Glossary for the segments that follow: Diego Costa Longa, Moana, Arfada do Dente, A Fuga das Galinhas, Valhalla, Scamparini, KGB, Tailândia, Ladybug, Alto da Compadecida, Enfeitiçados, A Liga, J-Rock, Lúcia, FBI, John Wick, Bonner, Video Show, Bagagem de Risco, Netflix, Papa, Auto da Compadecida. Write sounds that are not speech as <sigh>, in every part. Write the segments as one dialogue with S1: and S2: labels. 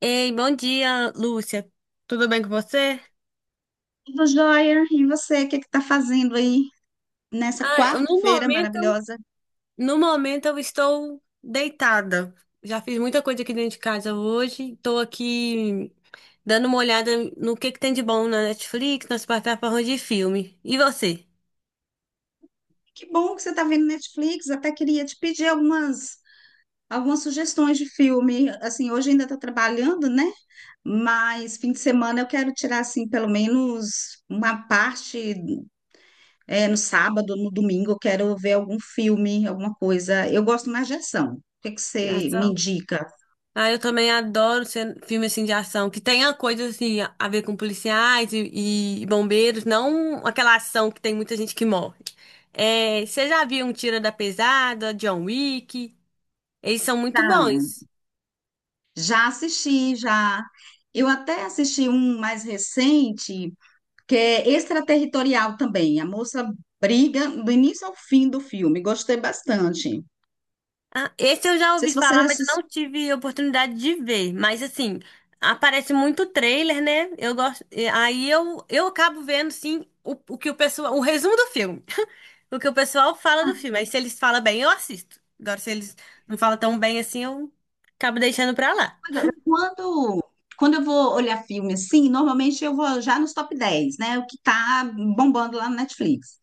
S1: Ei, bom dia, Lúcia. Tudo bem com você?
S2: Tudo jóia, e você, o que está fazendo aí nessa
S1: No
S2: quarta-feira
S1: momento,
S2: maravilhosa?
S1: no momento eu estou deitada. Já fiz muita coisa aqui dentro de casa hoje. Estou aqui dando uma olhada no que tem de bom na Netflix, nas plataformas de filme. E você?
S2: Que bom que você está vendo Netflix, até queria te pedir algumas sugestões de filme. Assim, hoje ainda tô trabalhando, né? Mas fim de semana eu quero tirar assim pelo menos uma parte no sábado, no domingo, eu quero ver algum filme, alguma coisa. Eu gosto mais de ação. O que que
S1: Já
S2: você me
S1: são.
S2: indica?
S1: Ah, eu também adoro filme assim de ação, que tenha coisas assim a ver com policiais e bombeiros, não aquela ação que tem muita gente que morre. É, você já viu um Tira da Pesada, John Wick? Eles são
S2: Tá.
S1: muito bons.
S2: Já assisti, já. Eu até assisti um mais recente que é extraterritorial também. A moça briga do início ao fim do filme. Gostei bastante. Não
S1: Ah, esse eu já
S2: sei
S1: ouvi
S2: se vocês
S1: falar, mas eu não
S2: assistiram.
S1: tive oportunidade de ver. Mas assim, aparece muito trailer, né? Eu gosto. Aí eu acabo vendo sim o que o pessoal, o resumo do filme. O que o pessoal fala do filme. Aí se eles falam bem, eu assisto. Agora, se eles não falam tão bem assim, eu acabo deixando pra lá.
S2: mas, é, Quando, quando eu vou olhar filme assim, normalmente eu vou já nos top 10, né? O que tá bombando lá no Netflix.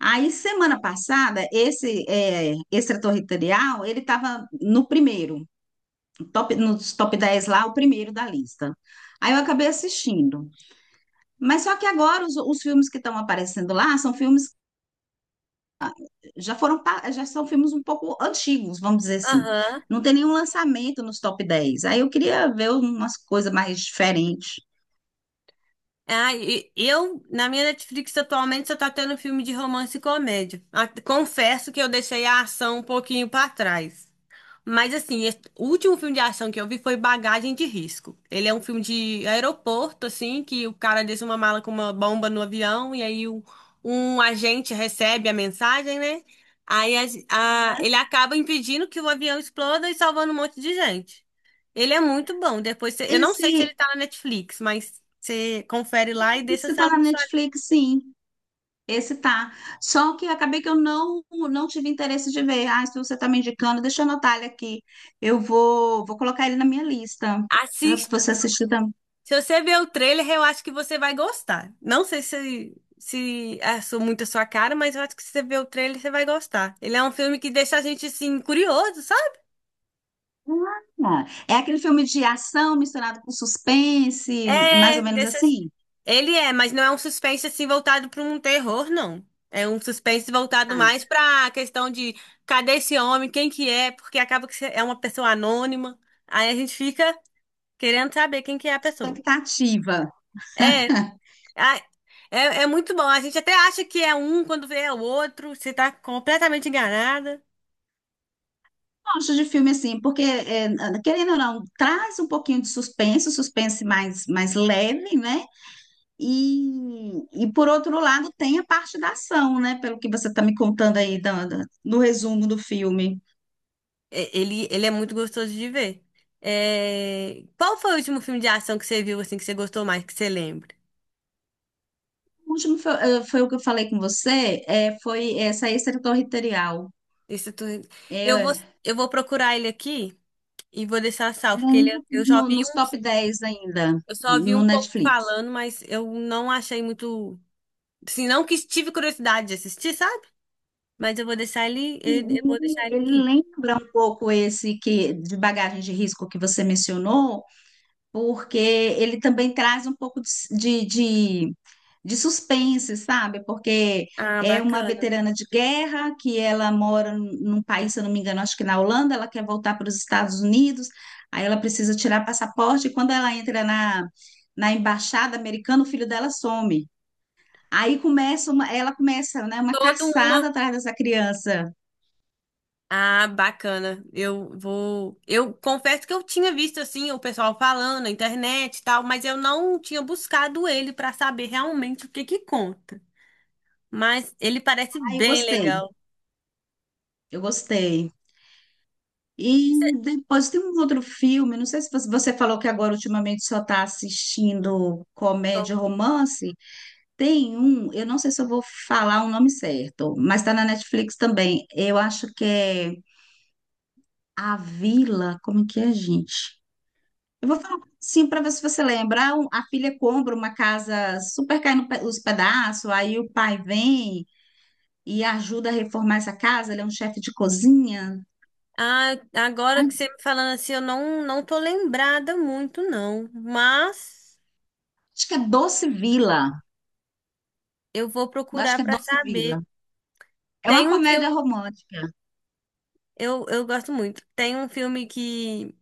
S2: Aí, semana passada, esse, extraterritorial, ele estava no primeiro, top, nos top 10 lá, o primeiro da lista. Aí eu acabei assistindo. Mas só que agora os filmes que estão aparecendo lá são filmes já foram, já são filmes um pouco antigos, vamos dizer assim.
S1: Aham.
S2: Não tem nenhum lançamento nos top 10. Aí eu queria ver umas coisas mais diferentes.
S1: Na minha Netflix atualmente, só tá tendo filme de romance e comédia. Ah, confesso que eu deixei a ação um pouquinho pra trás. O último filme de ação que eu vi foi Bagagem de Risco. Ele é um filme de aeroporto, assim, que o cara deixa uma mala com uma bomba no avião e um agente recebe a mensagem, né? Ele acaba impedindo que o avião exploda e salvando um monte de gente. Ele é muito bom. Eu não sei se
S2: Esse,
S1: ele tá na Netflix, mas você confere lá e deixa
S2: esse tá
S1: salvo
S2: na
S1: no seu.
S2: Netflix, sim. Esse tá. Só que acabei que eu não tive interesse de ver. Ah, se você tá me indicando, deixa eu anotar ele aqui. Eu vou colocar ele na minha lista. Já que você assistiu também.
S1: Se você ver o trailer, eu acho que você vai gostar. Não sei se muito a sua cara, mas eu acho que se você ver o trailer, você vai gostar. Ele é um filme que deixa a gente, assim, curioso, sabe?
S2: Ah, é aquele filme de ação misturado com suspense, mais
S1: É,
S2: ou menos
S1: deixa...
S2: assim.
S1: Ele é, mas não é um suspense, assim, voltado para um terror, não. É um suspense voltado
S2: Ah,
S1: mais para a questão de cadê esse homem, quem que é, porque acaba que você é uma pessoa anônima. Aí a gente fica querendo saber quem que é a pessoa.
S2: expectativa.
S1: É, Ah, É, é muito bom. A gente até acha que é um, quando vê é o outro. Você tá completamente enganada.
S2: Gosto de filme assim, porque, querendo ou não, traz um pouquinho de suspense mais leve, né? E, e, por outro lado, tem a parte da ação, né? Pelo que você está me contando aí no resumo do filme.
S1: Ele, ele é muito gostoso de ver. É, qual foi o último filme de ação que você viu assim que você gostou mais, que você lembra?
S2: O último foi o que eu falei com você, foi essa extraterritorial.
S1: Isso tu...
S2: É,
S1: Eu vou,
S2: é,
S1: eu vou procurar ele aqui e vou deixar salvo,
S2: ele
S1: porque
S2: ainda tá
S1: eu já
S2: no,
S1: vi
S2: nos
S1: uns,
S2: top 10 ainda,
S1: eu só vi um
S2: no
S1: pouco
S2: Netflix.
S1: falando, mas eu não achei muito, assim, não que tive curiosidade de assistir, sabe? Mas eu vou deixar ele,
S2: E
S1: ele- eu vou
S2: Ele,
S1: deixar ele
S2: ele
S1: aqui.
S2: lembra um pouco esse que de bagagem de risco que você mencionou, porque ele também traz um pouco de, de, de suspense, sabe? Porque
S1: Ah,
S2: é uma
S1: bacana.
S2: veterana de guerra que ela mora num país, se eu não me engano, acho que na Holanda, ela quer voltar para os Estados Unidos, aí ela precisa tirar passaporte, e quando ela entra na embaixada americana, o filho dela some. Aí ela começa, né, uma
S1: Toda uma
S2: caçada atrás dessa criança.
S1: Ah, bacana. Eu vou. Eu confesso que eu tinha visto assim o pessoal falando na internet e tal, mas eu não tinha buscado ele pra saber realmente o que que conta. Mas ele parece
S2: Aí eu
S1: bem
S2: gostei,
S1: legal.
S2: eu gostei.
S1: Isso é-
S2: E depois tem um outro filme, não sei se você falou que agora ultimamente só está assistindo comédia, romance. Tem um, eu não sei se eu vou falar o nome certo, mas está na Netflix também. Eu acho que é A Vila, como é que é, gente? Eu vou falar sim para ver se você lembra. Ah, a filha compra uma casa super caindo os pedaços, aí o pai vem e ajuda a reformar essa casa. Ele é um chefe de cozinha.
S1: Ah, agora
S2: Ai,
S1: que você me falando assim, eu não tô lembrada muito não, mas
S2: acho que é Doce Vila.
S1: eu vou
S2: Acho
S1: procurar
S2: que é
S1: pra
S2: Doce
S1: saber.
S2: Vila. É
S1: Tem
S2: uma
S1: um filme,
S2: comédia romântica.
S1: Eu gosto muito. Tem um filme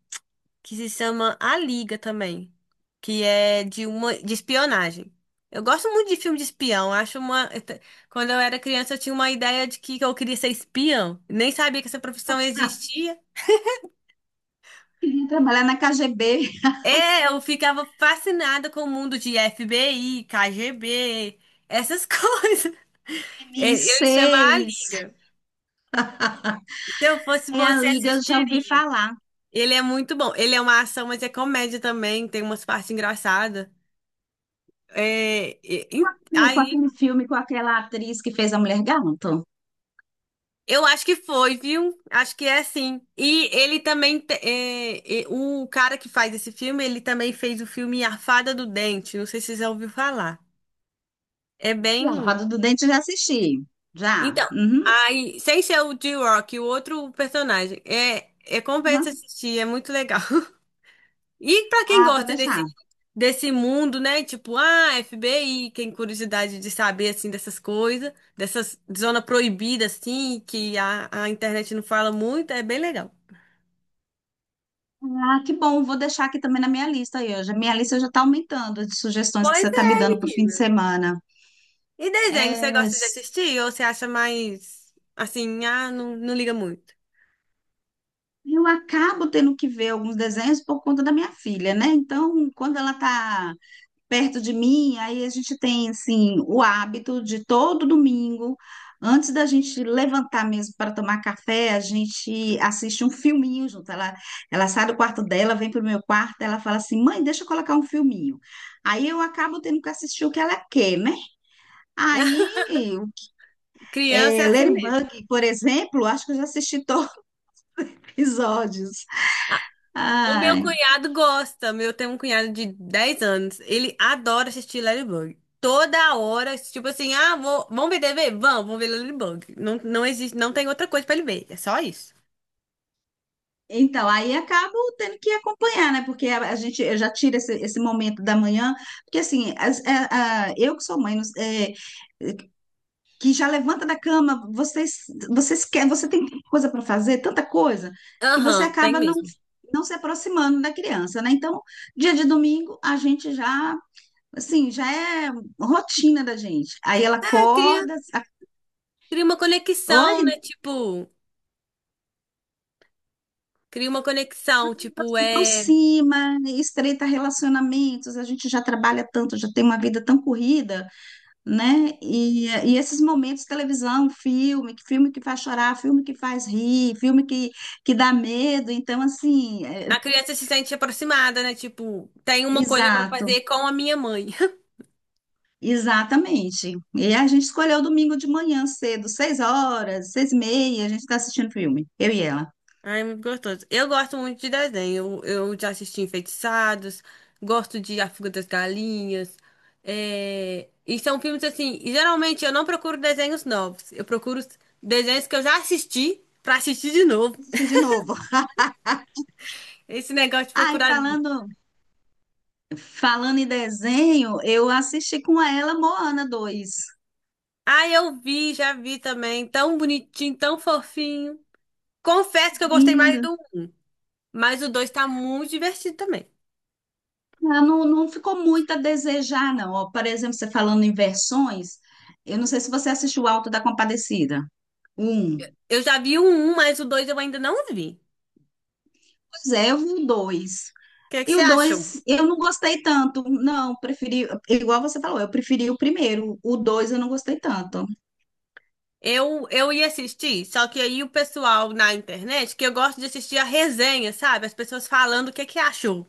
S1: que se chama A Liga também, que é de uma de espionagem. Eu gosto muito de filme de espião. Eu acho uma <laughs> quando eu era criança eu tinha uma ideia de que eu queria ser espião. Nem sabia que essa profissão
S2: Ah,
S1: existia.
S2: queria trabalhar na KGB,
S1: É, eu ficava fascinada com o mundo de FBI, KGB, essas <laughs> coisas. Ele chama A
S2: MI6.
S1: Liga. Se eu fosse
S2: Aí a
S1: você,
S2: Liga já ouvi
S1: assistiria.
S2: falar.
S1: Ele é muito bom. Ele é uma ação, mas é comédia também. Tem umas partes engraçadas. É, e- e-
S2: Meu, com
S1: ai,
S2: aquele filme com aquela atriz que fez a Mulher Gato.
S1: Eu acho que foi, viu? Acho que é sim. E ele também, o cara que faz esse filme, ele também fez o filme Arfada do Dente. Não sei se você já ouviu falar. É
S2: Já.
S1: bem.
S2: Roda do Dente já assisti. Já.
S1: Então,
S2: Uhum.
S1: aí, sem ser o J-Rock, o outro personagem. Compensa
S2: Uhum.
S1: assistir, é muito legal. <laughs> E pra quem
S2: Ah, pode
S1: gosta
S2: deixar.
S1: desse mundo, né? Tipo, ah, FBI, quem curiosidade de saber assim dessas coisas, dessas zona proibida assim, que a internet não fala muito, é bem legal.
S2: Ah, que bom. Vou deixar aqui também na minha lista aí hoje. A minha lista já está aumentando de sugestões que
S1: Pois
S2: você está me
S1: é,
S2: dando para o fim de
S1: menina.
S2: semana.
S1: E desenho, você
S2: É,
S1: gosta de assistir ou você acha mais assim, ah, não, não liga muito?
S2: eu acabo tendo que ver alguns desenhos por conta da minha filha, né? Então, quando ela está perto de mim, aí a gente tem assim o hábito de todo domingo, antes da gente levantar mesmo para tomar café, a gente assiste um filminho junto. Ela sai do quarto dela, vem para o meu quarto, ela fala assim: "Mãe, deixa eu colocar um filminho". Aí eu acabo tendo que assistir o que ela quer, né? Aí,
S1: <laughs> Criança é assim mesmo.
S2: Ladybug, por exemplo, acho que eu já assisti <laughs> todos os episódios.
S1: O meu
S2: Ai.
S1: cunhado gosta. Meu, tem um cunhado de 10 anos. Ele adora assistir Ladybug. Toda hora, tipo assim, ah, vou, vamos ver TV? Vamos, vamos ver Ladybug. Não, não existe, não tem outra coisa pra ele ver. É só isso.
S2: Então, aí acabo tendo que acompanhar, né? Porque a gente eu já tira esse momento da manhã, porque assim, eu que sou mãe, que já levanta da cama, vocês quer, você tem tanta coisa para fazer, tanta coisa, que você
S1: Aham, tem
S2: acaba não,
S1: mesmo.
S2: não se aproximando da criança, né? Então, dia de domingo, a gente já, assim, já é rotina da gente. Aí ela
S1: Ah, cria,
S2: acorda,
S1: Cria uma
S2: oi,
S1: conexão, né? Tipo, cria uma conexão, tipo, é
S2: aproxima, estreita relacionamentos, a gente já trabalha tanto, já tem uma vida tão corrida, né? E esses momentos, televisão, filme que faz chorar, filme que faz rir, filme que dá medo. Então, assim,
S1: a criança se sente aproximada, né? Tipo, tem uma coisa pra
S2: exato,
S1: fazer com a minha mãe. <laughs>
S2: exatamente. E a gente escolheu domingo de manhã cedo, 6 horas, 6h30, a gente está assistindo filme, eu e ela.
S1: Ai, muito gostoso. Eu gosto muito de desenho. Eu já assisti Enfeitiçados, gosto de A Fuga das Galinhas. E são filmes assim. Geralmente eu não procuro desenhos novos. Eu procuro os desenhos que eu já assisti pra assistir de novo.
S2: Assistir de novo.
S1: Esse negócio de
S2: Ai,
S1: procurar.
S2: falando em desenho, eu assisti com ela Moana 2.
S1: Ah, eu vi, já vi também. Tão bonitinho, tão fofinho. Confesso que eu gostei mais
S2: Lindo.
S1: do um, mas o dois tá muito divertido também.
S2: Ah, não, não ficou muito a desejar, não. Ó, por exemplo, você falando em versões, eu não sei se você assistiu o Alto da Compadecida. Um.
S1: Eu já vi o um, mas o dois eu ainda não vi.
S2: Pois é, eu vi o dois.
S1: O que é que
S2: E
S1: você
S2: o
S1: achou?
S2: dois, eu não gostei tanto. Não, preferi, igual você falou, eu preferi o primeiro. O dois eu não gostei tanto.
S1: Eu ia assistir, só que aí o pessoal na internet, que eu gosto de assistir a resenha, sabe? As pessoas falando o que é que achou.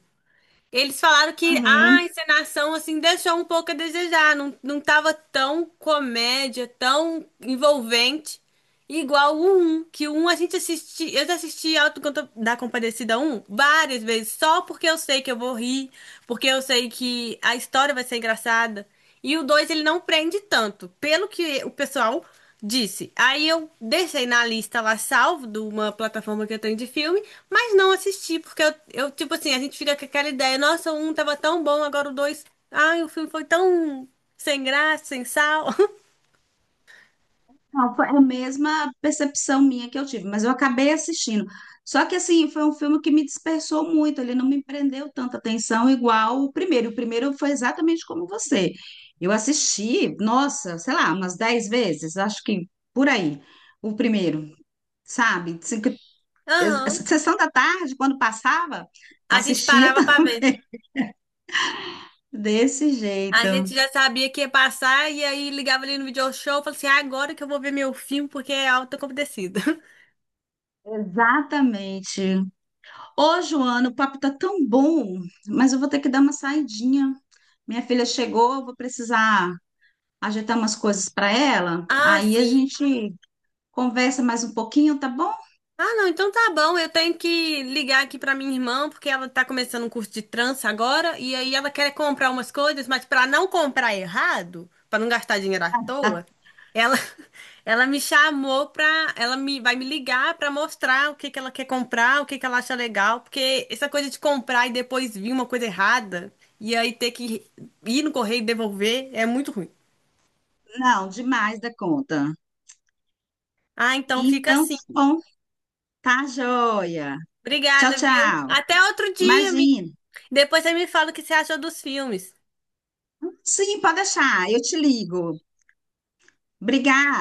S1: Eles falaram que ah, a
S2: Uhum.
S1: encenação, assim, deixou um pouco a desejar. Não tava tão comédia, tão envolvente. Igual o 1, que o 1 a gente assiste, eu já assisti Auto da Compadecida um várias vezes, só porque eu sei que eu vou rir, porque eu sei que a história vai ser engraçada. E o 2 ele não prende tanto, pelo que o pessoal disse. Aí eu deixei na lista lá salvo de uma plataforma que eu tenho de filme, mas não assisti, porque tipo assim, a gente fica com aquela ideia, nossa, o 1 tava tão bom, agora o 2, ai, o filme foi tão sem graça, sem sal. <laughs>
S2: Não, foi a mesma percepção minha que eu tive, mas eu acabei assistindo. Só que assim, foi um filme que me dispersou muito, ele não me prendeu tanta atenção igual o primeiro. O primeiro foi exatamente como você. Eu assisti, nossa, sei lá, umas 10 vezes, acho que por aí, o primeiro, sabe?
S1: Aham.
S2: Sessão da tarde, quando passava,
S1: A gente
S2: assistia
S1: parava pra
S2: <laughs>
S1: ver.
S2: desse
S1: A
S2: jeito.
S1: gente já sabia que ia passar e aí ligava ali no video show, e falava assim: "Ah, agora que eu vou ver meu filme porque é alta compadecida." <laughs>
S2: Exatamente. Ô, Joana, o papo tá tão bom, mas eu vou ter que dar uma saidinha. Minha filha chegou, eu vou precisar ajeitar umas coisas para ela.
S1: Ah,
S2: Aí a
S1: sim.
S2: gente conversa mais um pouquinho, tá bom?
S1: Ah, não, então tá bom. Eu tenho que ligar aqui pra minha irmã, porque ela tá começando um curso de trança agora, e aí ela quer comprar umas coisas, mas pra não comprar errado, pra não gastar dinheiro à toa, ela <laughs> ela me chamou pra, ela me vai me ligar pra mostrar o que que ela quer comprar, o que que ela acha legal, porque essa coisa de comprar e depois vir uma coisa errada, e aí ter que ir no correio e devolver é muito ruim.
S2: Não, demais da conta.
S1: Ah, então fica
S2: Então,
S1: assim.
S2: tá bom, tá joia. Tchau,
S1: Obrigada, viu?
S2: tchau.
S1: Até outro dia,
S2: Imagina.
S1: depois você me fala o que você achou dos filmes.
S2: Sim, pode deixar, eu te ligo. Obrigada.